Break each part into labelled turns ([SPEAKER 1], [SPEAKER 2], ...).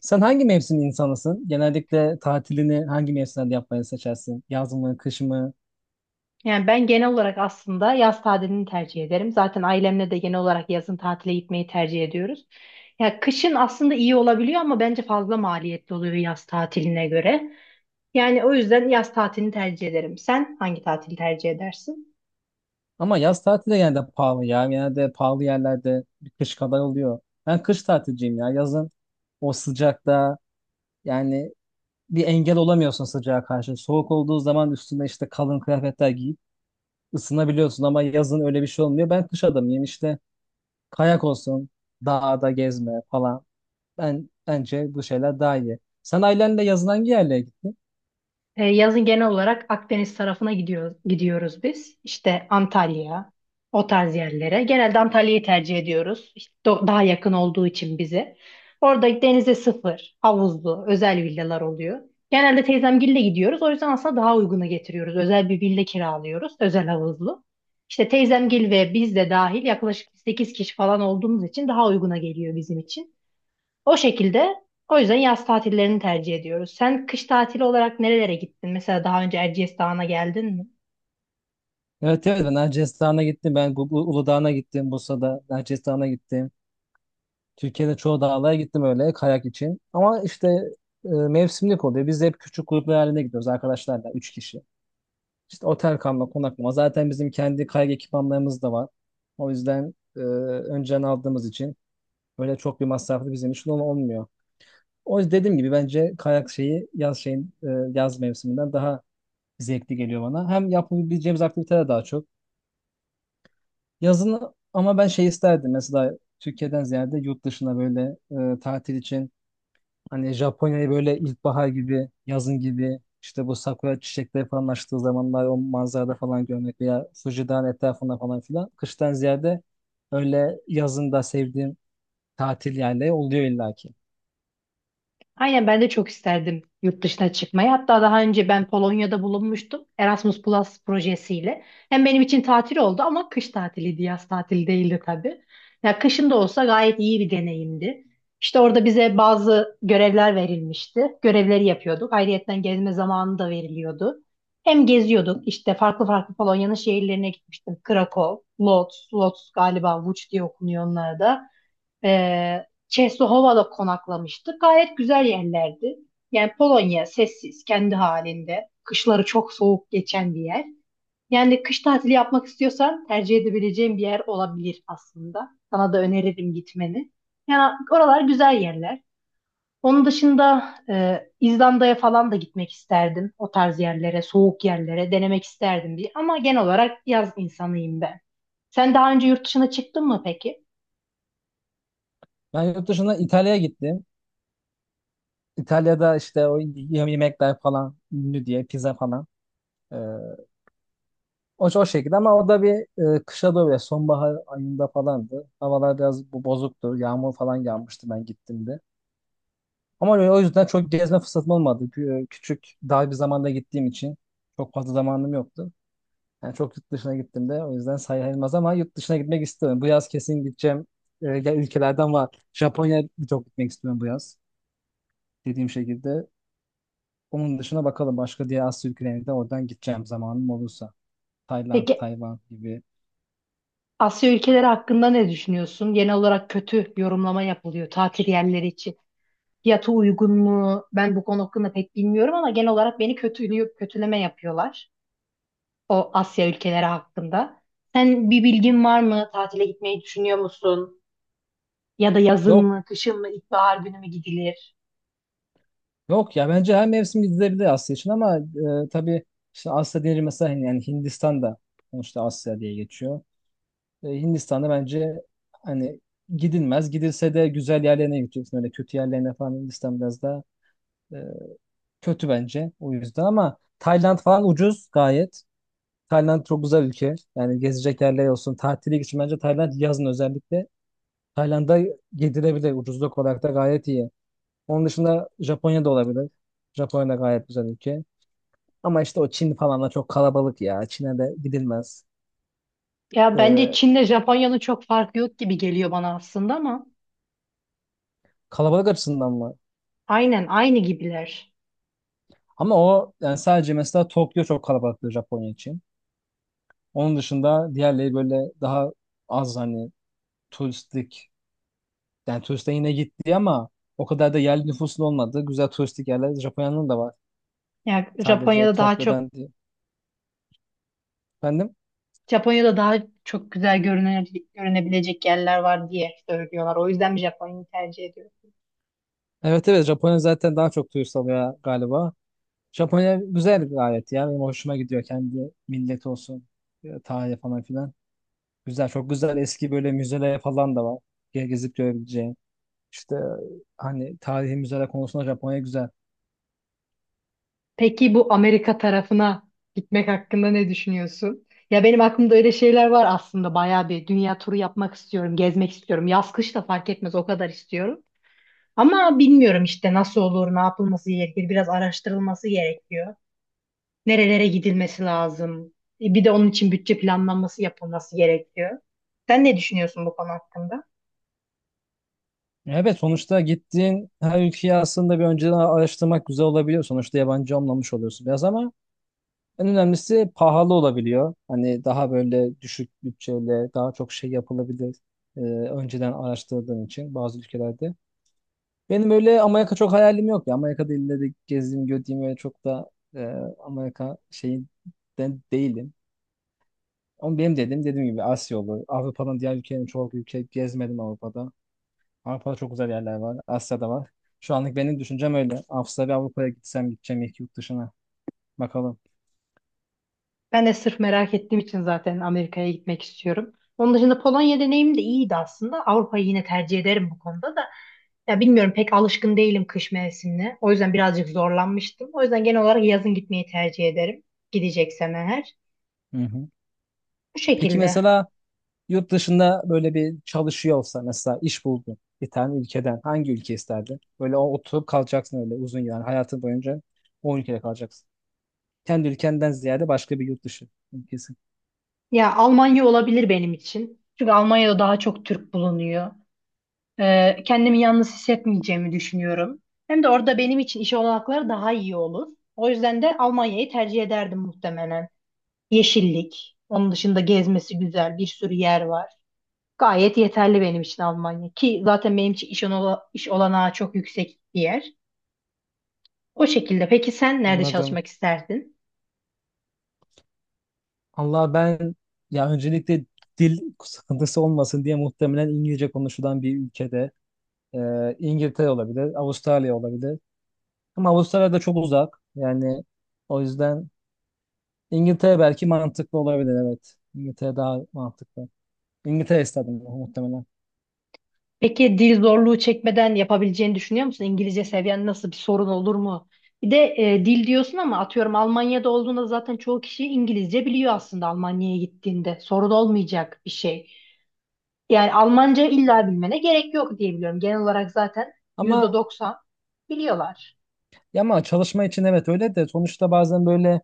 [SPEAKER 1] Sen hangi mevsim insanısın? Genellikle tatilini hangi mevsimlerde yapmayı seçersin? Yaz mı, kış mı?
[SPEAKER 2] Yani ben genel olarak aslında yaz tatilini tercih ederim. Zaten ailemle de genel olarak yazın tatile gitmeyi tercih ediyoruz. Ya kışın aslında iyi olabiliyor ama bence fazla maliyetli oluyor yaz tatiline göre. Yani o yüzden yaz tatilini tercih ederim. Sen hangi tatili tercih edersin?
[SPEAKER 1] Ama yaz tatili de genelde pahalı ya. Genelde pahalı yerlerde bir kış kadar oluyor. Ben kış tatilciyim ya. Yazın o sıcakta yani bir engel olamıyorsun sıcağa karşı. Soğuk olduğu zaman üstüne işte kalın kıyafetler giyip ısınabiliyorsun ama yazın öyle bir şey olmuyor. Ben kış adamıyım işte kayak olsun, dağda gezme falan. Ben bence bu şeyler daha iyi. Sen ailenle yazın hangi yerlere gittin?
[SPEAKER 2] Yazın genel olarak Akdeniz tarafına gidiyoruz biz. İşte Antalya, o tarz yerlere. Genelde Antalya'yı tercih ediyoruz. İşte daha yakın olduğu için bize. Orada denize sıfır, havuzlu, özel villalar oluyor. Genelde teyzemgille gidiyoruz. O yüzden aslında daha uygunu getiriyoruz. Özel bir villa kiralıyoruz, özel havuzlu. İşte teyzemgil ve biz de dahil yaklaşık 8 kişi falan olduğumuz için daha uyguna geliyor bizim için. O şekilde, o yüzden yaz tatillerini tercih ediyoruz. Sen kış tatili olarak nerelere gittin? Mesela daha önce Erciyes Dağı'na geldin mi?
[SPEAKER 1] Evet, evet, ben Erciyes Dağı'na gittim. Ben Uludağ'ına gittim. Bursa'da Erciyes Dağı'na gittim. Türkiye'de çoğu dağlara gittim öyle kayak için. Ama işte mevsimlik oluyor. Biz de hep küçük gruplar halinde gidiyoruz arkadaşlarla. Üç kişi. İşte otel kalma, konaklama. Zaten bizim kendi kayak ekipmanlarımız da var. O yüzden önceden aldığımız için böyle çok bir masraflı bizim için olmuyor. O yüzden dediğim gibi bence kayak şeyi yaz şeyin yaz mevsiminden daha zevkli geliyor bana. Hem yapabileceğimiz aktiviteler daha çok. Yazın ama ben şey isterdim mesela Türkiye'den ziyade yurt dışına böyle tatil için hani Japonya'yı böyle ilkbahar gibi yazın gibi işte bu sakura çiçekleri falan açtığı zamanlar o manzarada falan görmek veya Fuji Dağı'nın etrafında falan filan kıştan ziyade öyle yazında sevdiğim tatil yerleri oluyor illaki.
[SPEAKER 2] Aynen, ben de çok isterdim yurt dışına çıkmayı. Hatta daha önce ben Polonya'da bulunmuştum Erasmus Plus projesiyle. Hem benim için tatil oldu ama kış tatiliydi, yaz tatili değildi tabii. Ya kışın da olsa gayet iyi bir deneyimdi. İşte orada bize bazı görevler verilmişti. Görevleri yapıyorduk. Ayrıyeten gezme zamanı da veriliyordu. Hem geziyorduk işte farklı farklı Polonya'nın şehirlerine gitmiştim. Krakow, Lodz, Lodz galiba Łódź diye okunuyor onlar da. Çeslohova konaklamıştık. Gayet güzel yerlerdi. Yani Polonya sessiz, kendi halinde. Kışları çok soğuk geçen bir yer. Yani kış tatili yapmak istiyorsan tercih edebileceğin bir yer olabilir aslında. Sana da öneririm gitmeni. Yani oralar güzel yerler. Onun dışında İzlanda'ya falan da gitmek isterdim. O tarz yerlere, soğuk yerlere denemek isterdim diye. Ama genel olarak yaz insanıyım ben. Sen daha önce yurt dışına çıktın mı peki?
[SPEAKER 1] Ben yurt dışına İtalya'ya gittim. İtalya'da işte yemekler falan ünlü diye pizza falan. e, O, şekilde ama o da bir kışa doğru ya sonbahar ayında falandı. Havalar biraz bu bozuktu. Yağmur falan yağmıştı ben gittiğimde. Ama o yüzden çok gezme fırsatım olmadı. Küçük dar bir zamanda gittiğim için çok fazla zamanım yoktu. Yani çok yurt dışına gittim de o yüzden sayılmaz ama yurt dışına gitmek istiyorum. Bu yaz kesin gideceğim. Ya, ülkelerden var. Japonya'ya çok gitmek istiyorum bu yaz. Dediğim şekilde. Onun dışına bakalım başka diğer Asya ülkelerine de oradan gideceğim zamanım olursa. Tayland,
[SPEAKER 2] Peki
[SPEAKER 1] Tayvan gibi.
[SPEAKER 2] Asya ülkeleri hakkında ne düşünüyorsun? Genel olarak kötü yorumlama yapılıyor tatil yerleri için. Fiyatı uygun mu? Ben bu konu hakkında pek bilmiyorum ama genel olarak beni kötülüyor, kötüleme yapıyorlar o Asya ülkeleri hakkında. Sen bir bilgin var mı? Tatile gitmeyi düşünüyor musun? Ya da
[SPEAKER 1] Ve
[SPEAKER 2] yazın
[SPEAKER 1] o
[SPEAKER 2] mı, kışın mı, ilkbahar günü mü gidilir?
[SPEAKER 1] Yok ya, bence her mevsim gidilebilir Asya için ama tabii işte Asya deyince mesela hani yani Hindistan'da sonuçta Asya diye geçiyor. Hindistan'da bence hani gidilmez. Gidilse de güzel yerlerine gideceksin. Öyle kötü yerlerine falan Hindistan biraz daha e, kötü bence, o yüzden, ama Tayland falan ucuz gayet. Tayland çok güzel ülke. Yani gezecek yerler olsun. Tatile için bence Tayland yazın özellikle. Tayland'a gidilebilir. Ucuzluk olarak da gayet iyi. Onun dışında Japonya da olabilir. Japonya da gayet güzel ülke. Ama işte o Çin falan da çok kalabalık ya. Çin'e de gidilmez.
[SPEAKER 2] Ya bence
[SPEAKER 1] Ee,
[SPEAKER 2] Çin'le Japonya'nın çok farkı yok gibi geliyor bana aslında ama
[SPEAKER 1] Kalabalık açısından mı?
[SPEAKER 2] aynen aynı gibiler.
[SPEAKER 1] Ama o yani sadece mesela Tokyo çok kalabalıktır Japonya için. Onun dışında diğerleri böyle daha az hani turistik. Yani turiste yine gitti ama o kadar da yerli nüfusun olmadığı güzel turistik yerler Japonya'nın da var.
[SPEAKER 2] Ya
[SPEAKER 1] Sadece Tokyo'dan değil. Efendim?
[SPEAKER 2] Japonya'da daha çok güzel görünebilecek yerler var diye söylüyorlar. O yüzden Japonya'yı tercih ediyorum.
[SPEAKER 1] Evet, evet, Japonya zaten daha çok turist alıyor galiba. Japonya güzel bir gayet ya. Benim hoşuma gidiyor kendi millet olsun. Tarihi falan filan. Güzel, çok güzel eski böyle müzeler falan da var. Gezip görebileceğin. İşte hani tarihi müzeler konusunda Japonya güzel.
[SPEAKER 2] Peki bu Amerika tarafına gitmek hakkında ne düşünüyorsun? Ya benim aklımda öyle şeyler var aslında. Bayağı bir dünya turu yapmak istiyorum, gezmek istiyorum. Yaz kış da fark etmez o kadar istiyorum. Ama bilmiyorum işte nasıl olur, ne yapılması gerekir. Biraz araştırılması gerekiyor. Nerelere gidilmesi lazım. Bir de onun için bütçe planlanması yapılması gerekiyor. Sen ne düşünüyorsun bu konu hakkında?
[SPEAKER 1] Evet, sonuçta gittiğin her ülkeyi aslında bir önceden araştırmak güzel olabiliyor. Sonuçta yabancı olmamış oluyorsun biraz ama en önemlisi pahalı olabiliyor. Hani daha böyle düşük bütçeyle daha çok şey yapılabilir. Önceden araştırdığın için bazı ülkelerde. Benim öyle Amerika çok hayalim yok ya. Amerika'da ille de gezdiğim, gördüğüm öyle çok da e, Amerika şeyi de değilim. Ama benim dedim dediğim gibi Asya olur. Avrupa'nın diğer ülkelerini çok ülke gezmedim Avrupa'da. Avrupa'da çok güzel yerler var. Asya'da var. Şu anlık benim düşüncem öyle. Avustralya Avrupa'ya gitsem gideceğim ilk yurt dışına. Bakalım.
[SPEAKER 2] Ben de sırf merak ettiğim için zaten Amerika'ya gitmek istiyorum. Onun dışında Polonya deneyimim de iyiydi aslında. Avrupa'yı yine tercih ederim bu konuda da. Ya bilmiyorum pek alışkın değilim kış mevsimine. O yüzden birazcık zorlanmıştım. O yüzden genel olarak yazın gitmeyi tercih ederim. Gideceksem eğer.
[SPEAKER 1] Hı hı.
[SPEAKER 2] Bu
[SPEAKER 1] Peki
[SPEAKER 2] şekilde.
[SPEAKER 1] mesela yurt dışında böyle bir çalışıyor olsa mesela iş buldun bir tane ülkeden hangi ülke isterdin? Böyle oturup kalacaksın öyle uzun yani hayatın boyunca o ülkede kalacaksın. Kendi ülkenden ziyade başka bir yurt dışı ülkesi.
[SPEAKER 2] Ya Almanya olabilir benim için. Çünkü Almanya'da daha çok Türk bulunuyor. Kendimi yalnız hissetmeyeceğimi düşünüyorum. Hem de orada benim için iş olanakları daha iyi olur. O yüzden de Almanya'yı tercih ederdim muhtemelen. Yeşillik. Onun dışında gezmesi güzel. Bir sürü yer var. Gayet yeterli benim için Almanya. Ki zaten benim için iş olanağı çok yüksek bir yer. O şekilde. Peki sen nerede
[SPEAKER 1] Anladım.
[SPEAKER 2] çalışmak isterdin?
[SPEAKER 1] Allah, ben ya öncelikle dil sıkıntısı olmasın diye muhtemelen İngilizce konuşulan bir ülkede İngiltere olabilir, Avustralya olabilir. Ama Avustralya da çok uzak. Yani o yüzden İngiltere belki mantıklı olabilir, evet. İngiltere daha mantıklı. İngiltere stadyumu muhtemelen.
[SPEAKER 2] Peki dil zorluğu çekmeden yapabileceğini düşünüyor musun? İngilizce seviyen nasıl, bir sorun olur mu? Bir de dil diyorsun ama atıyorum Almanya'da olduğunda zaten çoğu kişi İngilizce biliyor aslında Almanya'ya gittiğinde. Sorun olmayacak bir şey. Yani Almanca illa bilmene gerek yok diye biliyorum. Genel olarak zaten yüzde
[SPEAKER 1] Ama
[SPEAKER 2] doksan biliyorlar.
[SPEAKER 1] Ya, ama çalışma için evet, öyle de sonuçta bazen böyle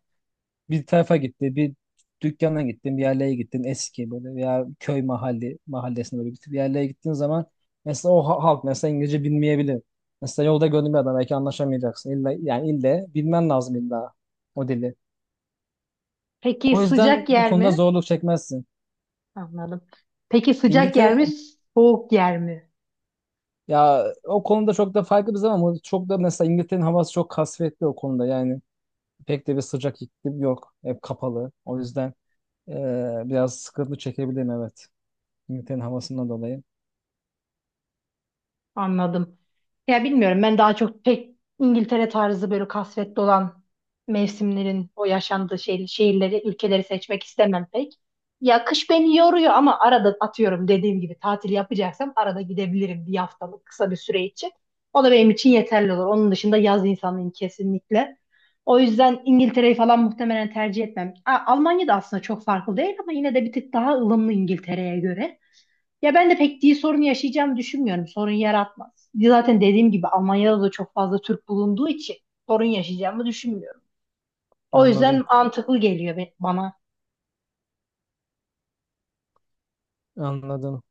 [SPEAKER 1] bir tarafa gitti, bir dükkana gittin, bir yerlere gittin eski böyle veya köy mahalli mahallesine böyle bir yerlere gittiğin zaman mesela halk mesela İngilizce bilmeyebilir. Mesela yolda gördüğün bir adam belki anlaşamayacaksın. İlla, yani ille bilmen lazım illa o dili.
[SPEAKER 2] Peki
[SPEAKER 1] O yüzden
[SPEAKER 2] sıcak
[SPEAKER 1] bu
[SPEAKER 2] yer
[SPEAKER 1] konuda
[SPEAKER 2] mi?
[SPEAKER 1] zorluk çekmezsin.
[SPEAKER 2] Anladım. Peki sıcak yer mi,
[SPEAKER 1] İngiltere
[SPEAKER 2] soğuk yer mi?
[SPEAKER 1] ya, o konuda çok da farklı bir zaman ama çok da mesela İngiltere'nin havası çok kasvetli o konuda yani. Pek de bir sıcak iklim yok. Hep kapalı. O yüzden biraz sıkıntı çekebilirim, evet. İngiltere'nin havasından dolayı.
[SPEAKER 2] Anladım. Ya bilmiyorum, ben daha çok pek İngiltere tarzı böyle kasvetli olan mevsimlerin o yaşandığı şehirleri, ülkeleri seçmek istemem pek. Ya kış beni yoruyor ama arada atıyorum dediğim gibi tatil yapacaksam arada gidebilirim bir haftalık kısa bir süre için. O da benim için yeterli olur. Onun dışında yaz insanıyım kesinlikle. O yüzden İngiltere'yi falan muhtemelen tercih etmem. Almanya da aslında çok farklı değil ama yine de bir tık daha ılımlı İngiltere'ye göre. Ya ben de pek dil sorunu yaşayacağımı düşünmüyorum. Sorun yaratmaz. Zaten dediğim gibi Almanya'da da çok fazla Türk bulunduğu için sorun yaşayacağımı düşünmüyorum. O yüzden
[SPEAKER 1] Anladım,
[SPEAKER 2] mantıklı geliyor bana.
[SPEAKER 1] anladım.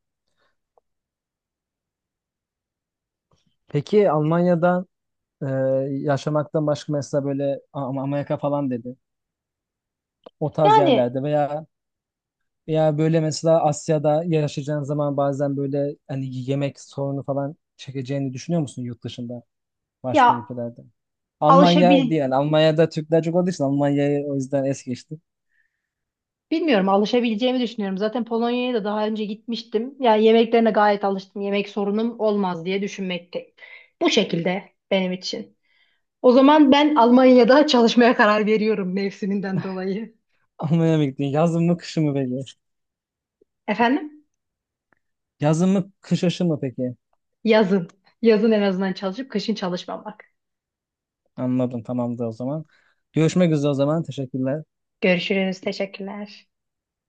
[SPEAKER 1] Peki Almanya'da e, yaşamaktan başka mesela böyle Amerika falan dedi. O tarz
[SPEAKER 2] Yani
[SPEAKER 1] yerlerde veya veya böyle mesela Asya'da yaşayacağın zaman bazen böyle hani yemek sorunu falan çekeceğini düşünüyor musun yurt dışında başka
[SPEAKER 2] ya
[SPEAKER 1] ülkelerde? Almanya
[SPEAKER 2] alışabil
[SPEAKER 1] değil, yani Almanya'da Türkler çok olduğu için Almanya'yı o yüzden es geçtim.
[SPEAKER 2] bilmiyorum alışabileceğimi düşünüyorum. Zaten Polonya'ya da daha önce gitmiştim. Ya yemeklerine gayet alıştım. Yemek sorunum olmaz diye düşünmekteyim. Bu şekilde benim için. O zaman ben Almanya'da çalışmaya karar veriyorum mevsiminden dolayı.
[SPEAKER 1] Almanya'ya mı gittin? Yazın mı, kışın mı peki?
[SPEAKER 2] Efendim?
[SPEAKER 1] Yazın mı, kış aşı mı peki?
[SPEAKER 2] Yazın. Yazın en azından çalışıp kışın çalışmamak.
[SPEAKER 1] Anladım, tamamdır o zaman. Görüşmek üzere o zaman. Teşekkürler.
[SPEAKER 2] Görüşürüz. Teşekkürler.